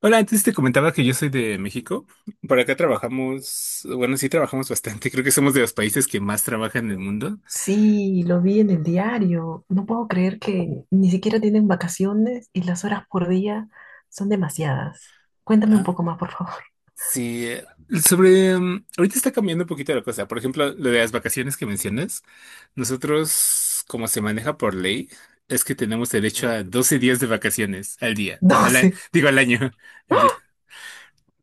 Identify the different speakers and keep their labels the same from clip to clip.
Speaker 1: Hola, antes te comentaba que yo soy de México. Por acá trabajamos, bueno, sí trabajamos bastante. Creo que somos de los países que más trabajan en el mundo.
Speaker 2: Sí, lo vi en el diario. No puedo creer que ni siquiera tienen vacaciones y las horas por día son demasiadas. Cuéntame un
Speaker 1: Ajá.
Speaker 2: poco más, por favor.
Speaker 1: Sí, sobre, ahorita está cambiando un poquito la cosa. Por ejemplo, lo de las vacaciones que mencionas, nosotros, como se maneja por ley, es que tenemos derecho a 12 días de vacaciones al día,
Speaker 2: 12,
Speaker 1: digo al año, al día.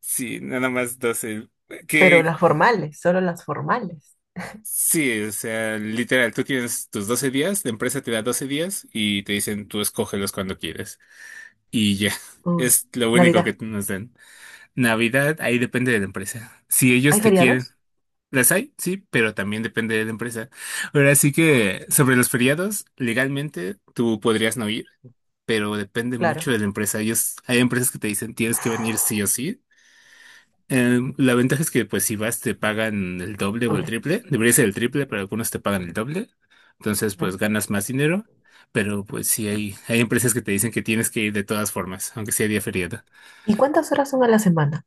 Speaker 1: Sí, nada más 12.
Speaker 2: pero
Speaker 1: Que.
Speaker 2: las formales, solo las formales.
Speaker 1: Sí, o sea, literal, tú tienes tus 12 días, la empresa te da 12 días y te dicen tú escógelos cuando quieres. Y ya,
Speaker 2: Uy,
Speaker 1: es lo único
Speaker 2: Navidad.
Speaker 1: que nos dan. Navidad, ahí depende de la empresa. Si ellos
Speaker 2: ¿Hay
Speaker 1: te quieren,
Speaker 2: feriados?
Speaker 1: las hay, sí, pero también depende de la empresa. Ahora sí que sobre los feriados, legalmente tú podrías no ir, pero depende mucho
Speaker 2: Claro,
Speaker 1: de la empresa. Ellos, hay empresas que te dicen tienes que venir sí o sí. La ventaja es que, pues, si vas, te pagan el doble o el
Speaker 2: doble.
Speaker 1: triple. Debería ser el triple, pero algunos te pagan el doble. Entonces,
Speaker 2: Ujú.
Speaker 1: pues, ganas más dinero. Pero, pues, sí, hay empresas que te dicen que tienes que ir de todas formas, aunque sea día feriado.
Speaker 2: ¿Y cuántas horas son a la semana?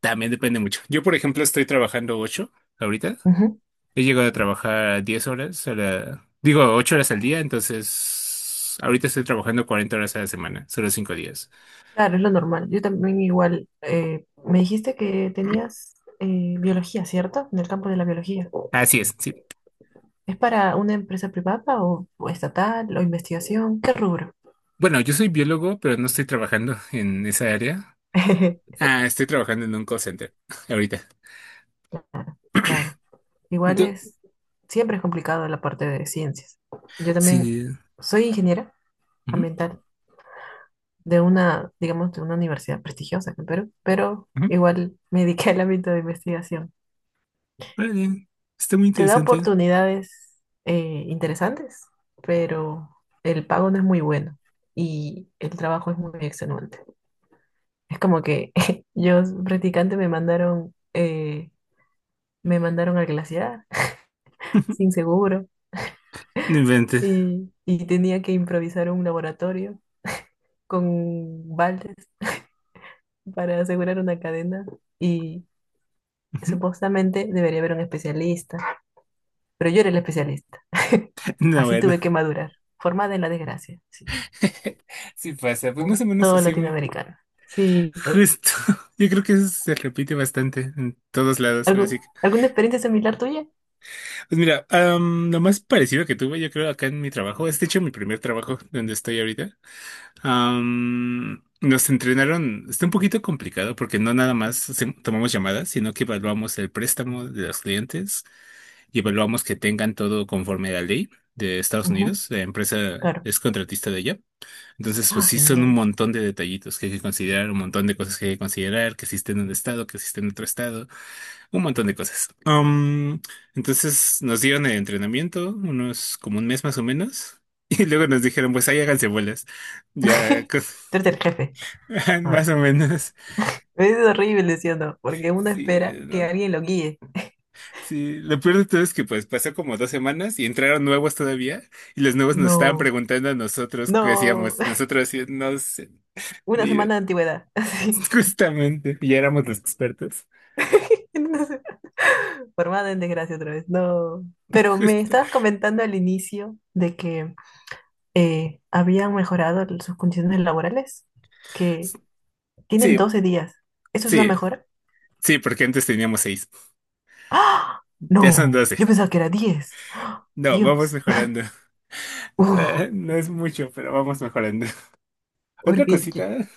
Speaker 1: También depende mucho. Yo, por ejemplo, estoy trabajando 8 ahorita.
Speaker 2: Ujú.
Speaker 1: He llegado a trabajar 10 horas a la... Digo, 8 horas al día, entonces... Ahorita estoy trabajando 40 horas a la semana, solo 5 días.
Speaker 2: Claro, es lo normal. Yo también igual. Me dijiste que tenías biología, ¿cierto? En el campo de la biología.
Speaker 1: Así es, sí.
Speaker 2: ¿Es para una empresa privada o estatal o investigación? ¿Qué rubro?
Speaker 1: Bueno, yo soy biólogo, pero no estoy trabajando en esa área. Ah, estoy trabajando en un call center ahorita.
Speaker 2: Claro.
Speaker 1: ¿Y
Speaker 2: Igual
Speaker 1: tú?
Speaker 2: es, siempre es complicado la parte de ciencias. Yo también
Speaker 1: Sí.
Speaker 2: soy ingeniera
Speaker 1: Ujú,
Speaker 2: ambiental de una, digamos, de una universidad prestigiosa aquí en Perú, pero
Speaker 1: ujú.
Speaker 2: igual me dediqué al ámbito de investigación.
Speaker 1: Órale, está muy
Speaker 2: Te da
Speaker 1: interesante.
Speaker 2: oportunidades interesantes, pero el pago no es muy bueno y el trabajo es muy extenuante. Es como que yo, practicante, me mandaron al glaciar sin seguro
Speaker 1: No inventes.
Speaker 2: y tenía que improvisar un laboratorio con baldes para asegurar una cadena y
Speaker 1: Ujú.
Speaker 2: supuestamente debería haber un especialista, pero yo era el especialista.
Speaker 1: No,
Speaker 2: Así
Speaker 1: bueno.
Speaker 2: tuve que madurar, formada en la desgracia, sí,
Speaker 1: Sí pasa, pues más
Speaker 2: como
Speaker 1: o menos
Speaker 2: todo
Speaker 1: así.
Speaker 2: latinoamericano. Sí,
Speaker 1: Justo. Yo creo que eso se repite bastante en todos lados, ahora sí que-
Speaker 2: ¿alguna experiencia similar tuya?
Speaker 1: Pues mira, lo más parecido que tuve, yo creo, acá en mi trabajo, es de hecho mi primer trabajo donde estoy ahorita. Nos entrenaron, está un poquito complicado porque no nada más tomamos llamadas, sino que evaluamos el préstamo de los clientes y evaluamos que tengan todo conforme a la ley de Estados
Speaker 2: Ujú,
Speaker 1: Unidos. La empresa
Speaker 2: claro.
Speaker 1: es contratista de ella. Entonces, pues
Speaker 2: Ah,
Speaker 1: sí, son un
Speaker 2: genial.
Speaker 1: montón de detallitos que hay que considerar, un montón de cosas que hay que considerar, que existe en un estado, que existe en otro estado. Un montón de cosas. Entonces nos dieron el entrenamiento, unos como un mes más o menos, y luego nos dijeron, pues ahí háganse bolas. Ya,
Speaker 2: Tú eres el jefe
Speaker 1: más
Speaker 2: ahora.
Speaker 1: o menos.
Speaker 2: Es horrible, ¿sí o no? Porque uno
Speaker 1: Sí,
Speaker 2: espera que
Speaker 1: ¿no?
Speaker 2: alguien lo guíe.
Speaker 1: Sí, lo peor de todo es que pues pasó como 2 semanas y entraron nuevos todavía, y los nuevos nos estaban
Speaker 2: No,
Speaker 1: preguntando a nosotros qué
Speaker 2: no.
Speaker 1: hacíamos. Nosotros sí, no sé,
Speaker 2: Una
Speaker 1: ni idea.
Speaker 2: semana de antigüedad, así.
Speaker 1: Justamente, ya éramos los expertos.
Speaker 2: Una semana. Formada en desgracia otra vez. No. Pero me
Speaker 1: Justo.
Speaker 2: estabas comentando al inicio de que habían mejorado sus condiciones laborales, que tienen
Speaker 1: Sí,
Speaker 2: 12 días. ¿Eso es una
Speaker 1: sí,
Speaker 2: mejora?
Speaker 1: sí, porque antes teníamos 6,
Speaker 2: ¡Ah!
Speaker 1: ya son
Speaker 2: No,
Speaker 1: 12.
Speaker 2: yo pensaba que era 10.
Speaker 1: No, vamos
Speaker 2: Dios.
Speaker 1: mejorando.
Speaker 2: Uf,
Speaker 1: No es mucho, pero vamos mejorando. Otra
Speaker 2: porque,
Speaker 1: cosita,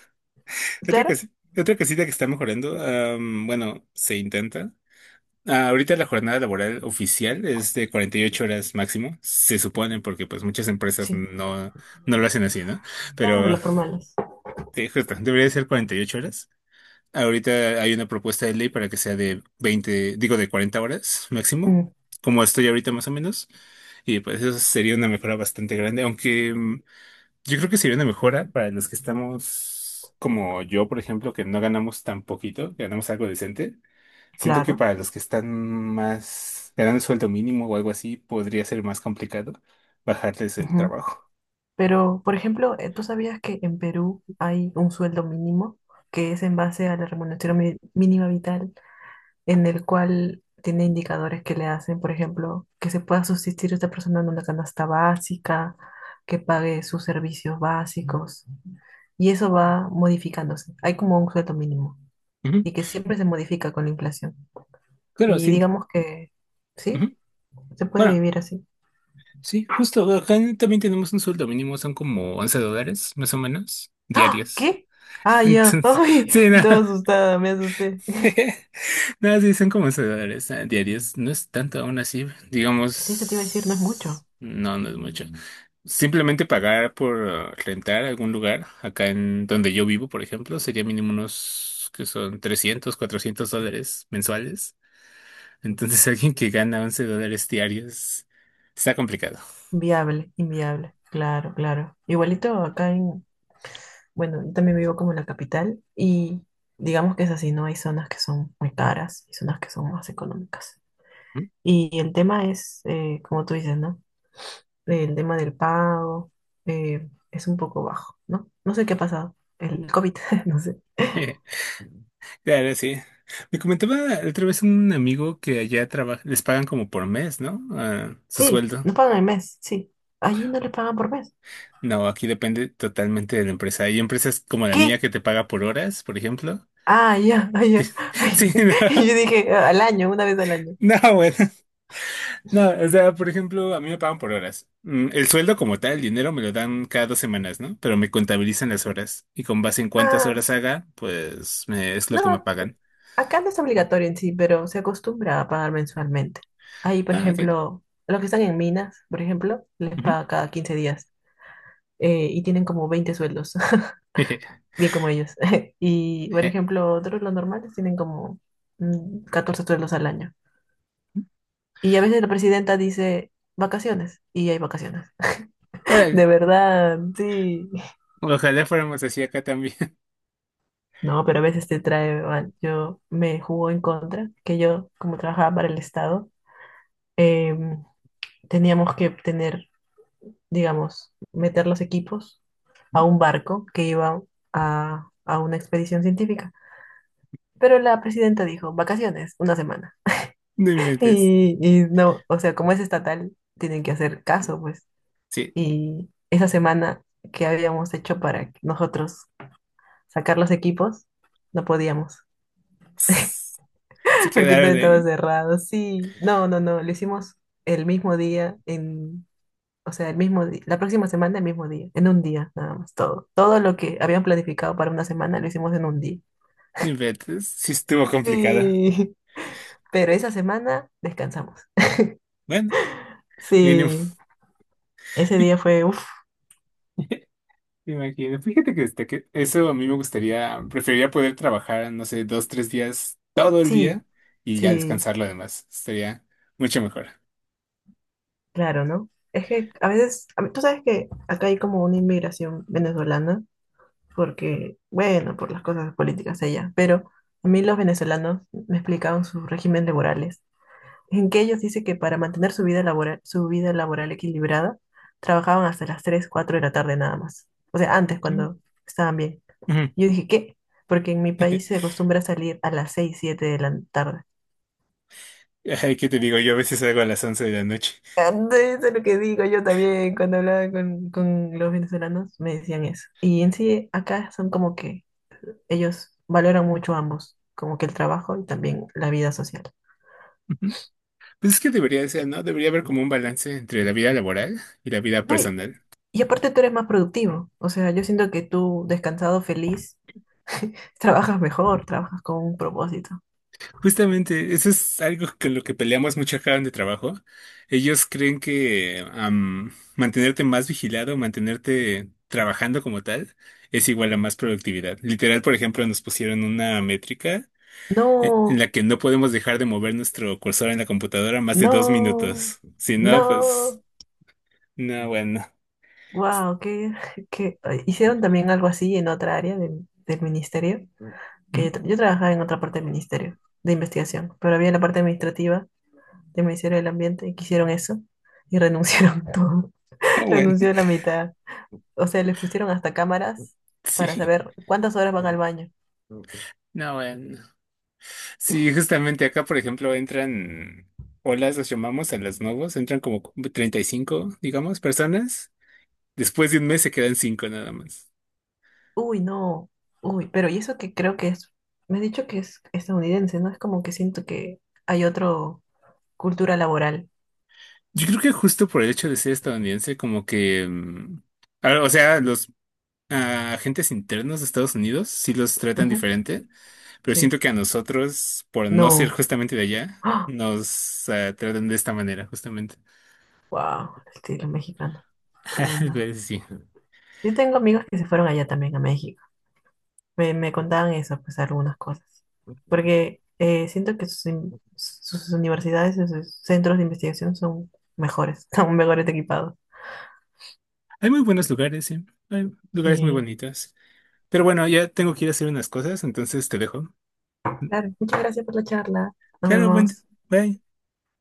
Speaker 1: otra
Speaker 2: claro,
Speaker 1: cosita, otra cosita que está mejorando, bueno, se intenta. Ahorita la jornada laboral oficial es de 48 horas máximo, se supone, porque pues muchas empresas
Speaker 2: sí,
Speaker 1: no, no lo hacen así, ¿no?
Speaker 2: claro,
Speaker 1: Pero
Speaker 2: las formales.
Speaker 1: justo, debería ser 48 horas. Ahorita hay una propuesta de ley para que sea de 20, digo de 40 horas máximo,
Speaker 2: Mm,
Speaker 1: como estoy ahorita más o menos. Y pues eso sería una mejora bastante grande, aunque yo creo que sería una mejora para los que estamos como yo, por ejemplo, que no ganamos tan poquito, que ganamos algo decente. Siento que
Speaker 2: claro.
Speaker 1: para los que están más ganando el sueldo mínimo o algo así, podría ser más complicado bajarles el
Speaker 2: Ujú.
Speaker 1: trabajo.
Speaker 2: Pero, por ejemplo, ¿tú sabías que en Perú hay un sueldo mínimo que es en base a la remuneración mínima vital, en el cual tiene indicadores que le hacen, por ejemplo, que se pueda subsistir esta persona en una canasta básica, que pague sus servicios básicos, y eso va modificándose? Hay como un sueldo mínimo
Speaker 1: Ujú.
Speaker 2: y que siempre se modifica con la inflación.
Speaker 1: Claro,
Speaker 2: Y
Speaker 1: sí.
Speaker 2: digamos que, ¿sí?
Speaker 1: Ujú.
Speaker 2: Se puede
Speaker 1: Bueno,
Speaker 2: vivir así.
Speaker 1: sí, justo acá también tenemos un sueldo mínimo, son como 11 dólares, más o menos,
Speaker 2: ¡Ah!
Speaker 1: diarios.
Speaker 2: ¿Qué? Ah, ya.
Speaker 1: Entonces,
Speaker 2: Ay,
Speaker 1: sí, no.
Speaker 2: toda asustada, me asusté.
Speaker 1: Nada, sí, son como 11 dólares diarios. No es tanto aún así.
Speaker 2: Sí, esto te iba a decir, no es mucho.
Speaker 1: Digamos, no, no es mucho. Simplemente pagar por rentar algún lugar, acá en donde yo vivo, por ejemplo, sería mínimo unos que son 300-400 dólares mensuales. Entonces, alguien que gana 11 dólares diarios está complicado.
Speaker 2: Viable, inviable. Claro, claro. Igualito acá en, bueno, yo también vivo como en la capital y digamos que es así, ¿no? Hay zonas que son muy caras y zonas que son más económicas.
Speaker 1: ¿Mm?
Speaker 2: Y el tema es, como tú dices, ¿no? El tema del pago es un poco bajo, ¿no? No sé qué ha pasado. El COVID, no sé.
Speaker 1: Claro, sí. Me comentaba otra vez un amigo que allá trabaja, les pagan como por mes, ¿no? Ah, su
Speaker 2: Sí,
Speaker 1: sueldo.
Speaker 2: no pagan el mes, sí. Allí no les pagan por mes.
Speaker 1: No, aquí depende totalmente de la empresa. Hay empresas como la mía
Speaker 2: ¿Qué?
Speaker 1: que te paga por horas, por ejemplo.
Speaker 2: Ah, ya, ah, ya.
Speaker 1: Sí, no,
Speaker 2: Yo dije, al año, una vez al año.
Speaker 1: no, bueno, no, o sea, por ejemplo, a mí me pagan por horas. El sueldo como tal, el dinero me lo dan cada 2 semanas, ¿no? Pero me contabilizan las horas y con base en cuántas
Speaker 2: Ah,
Speaker 1: horas haga, pues es lo que
Speaker 2: no,
Speaker 1: me pagan.
Speaker 2: acá no es obligatorio en sí, pero se acostumbra a pagar mensualmente. Ahí, por
Speaker 1: Ah, ok.
Speaker 2: ejemplo, los que están en minas, por ejemplo, les
Speaker 1: Ujú.
Speaker 2: paga cada 15 días y tienen como 20 sueldos, bien como ellos. Y, por ejemplo, otros, los normales, tienen como 14 sueldos al año. Y a veces la presidenta dice vacaciones y hay vacaciones.
Speaker 1: Órale,
Speaker 2: De verdad, sí.
Speaker 1: ojalá fuéramos así acá también.
Speaker 2: No, pero a veces te trae mal. Yo me jugó en contra, que yo, como trabajaba para el Estado, em, teníamos que tener, digamos, meter los equipos a un barco que iba a una expedición científica. Pero la presidenta dijo, vacaciones, una semana.
Speaker 1: No inventes.
Speaker 2: Y no, o sea, como es estatal, tienen que hacer caso, pues.
Speaker 1: Sí.
Speaker 2: Y esa semana que habíamos hecho para nosotros sacar los equipos, no podíamos,
Speaker 1: Se
Speaker 2: porque todo
Speaker 1: quedaron
Speaker 2: estaba
Speaker 1: ahí.
Speaker 2: cerrado. Sí, no, no, no, lo hicimos el mismo día en... O sea, el mismo día, la próxima semana, el mismo día, en un día, nada más, todo. Todo lo que habían planificado para una semana lo hicimos en un día.
Speaker 1: No inventes. Sí estuvo complicado.
Speaker 2: Sí, pero esa semana descansamos.
Speaker 1: Bueno, mínimo.
Speaker 2: Sí, ese día fue, uff,
Speaker 1: Me imagino. Fíjate que, este, que eso a mí me gustaría, preferiría poder trabajar, no sé, 2, 3 días, todo el día
Speaker 2: sí,
Speaker 1: y ya
Speaker 2: sí,
Speaker 1: descansar lo demás. Sería mucho mejor.
Speaker 2: claro, ¿no? Es que a veces, tú sabes que acá hay como una inmigración venezolana, porque, bueno, por las cosas políticas allá, pero a mí los venezolanos me explicaban sus regímenes laborales en que ellos dicen que para mantener su vida laboral equilibrada, trabajaban hasta las 3 4 de la tarde nada más. O sea, antes
Speaker 1: Ujú.
Speaker 2: cuando estaban bien.
Speaker 1: Ujú.
Speaker 2: Yo dije, ¿qué? Porque en mi país se acostumbra salir a las 6 7 de la tarde.
Speaker 1: Ay, ¿qué te digo? Yo a veces salgo a las 11 de la noche.
Speaker 2: Ande, eso es lo que digo yo también cuando hablaba con los venezolanos, me decían eso. Y en sí, acá son como que ellos valoran mucho ambos, como que el trabajo y también la vida social.
Speaker 1: Ujú. Pues es que debería ser, ¿no? Debería haber como un balance entre la vida laboral y la vida
Speaker 2: No,
Speaker 1: personal.
Speaker 2: y aparte tú eres más productivo, o sea, yo siento que tú descansado, feliz, trabajas mejor, trabajas con un propósito.
Speaker 1: Justamente, eso es algo con lo que peleamos mucho acá donde trabajo. Ellos creen que mantenerte más vigilado, mantenerte trabajando como tal, es igual a más productividad. Literal, por ejemplo, nos pusieron una métrica en
Speaker 2: No,
Speaker 1: la que no podemos dejar de mover nuestro cursor en la computadora más de dos
Speaker 2: no,
Speaker 1: minutos. Si no, pues,
Speaker 2: no.
Speaker 1: no, bueno.
Speaker 2: Wow, que hicieron también algo así en otra área del ministerio, que yo,
Speaker 1: Ujú.
Speaker 2: yo trabajaba en otra parte del ministerio de investigación, pero había la parte administrativa del Ministerio del Ambiente y que hicieron eso y renunciaron todo,
Speaker 1: No, bueno.
Speaker 2: renunció la mitad. O sea, les pusieron hasta cámaras para
Speaker 1: Sí,
Speaker 2: saber cuántas horas van al baño.
Speaker 1: no, bueno. Sí, justamente acá, por ejemplo, entran olas, los llamamos a los nuevos, entran como 35, digamos, personas. Después de un mes se quedan 5 nada más.
Speaker 2: Uy, no. Uy, pero y eso que creo que es, me has dicho que es estadounidense, ¿no? Es como que siento que hay otro cultura laboral.
Speaker 1: Yo creo que justo por el hecho de ser estadounidense, como que, o sea, los agentes internos de Estados Unidos sí los tratan
Speaker 2: Ujú,
Speaker 1: diferente, pero siento
Speaker 2: sí.
Speaker 1: que a nosotros, por no ser
Speaker 2: No.
Speaker 1: justamente de allá, nos tratan de esta manera, justamente.
Speaker 2: Wow, el estilo mexicano. Uy, no.
Speaker 1: Pues sí.
Speaker 2: Yo tengo amigos que se fueron allá también a México. Me contaban eso, pues algunas cosas. Porque siento que sus, sus universidades, y sus centros de investigación son mejores, son mejores equipados.
Speaker 1: Hay muy buenos lugares, sí. Hay lugares muy
Speaker 2: Sí.
Speaker 1: bonitos. Pero bueno, ya tengo que ir a hacer unas cosas, entonces te dejo.
Speaker 2: Claro, muchas gracias por la charla. Nos
Speaker 1: Claro, buen,
Speaker 2: vemos.
Speaker 1: bye.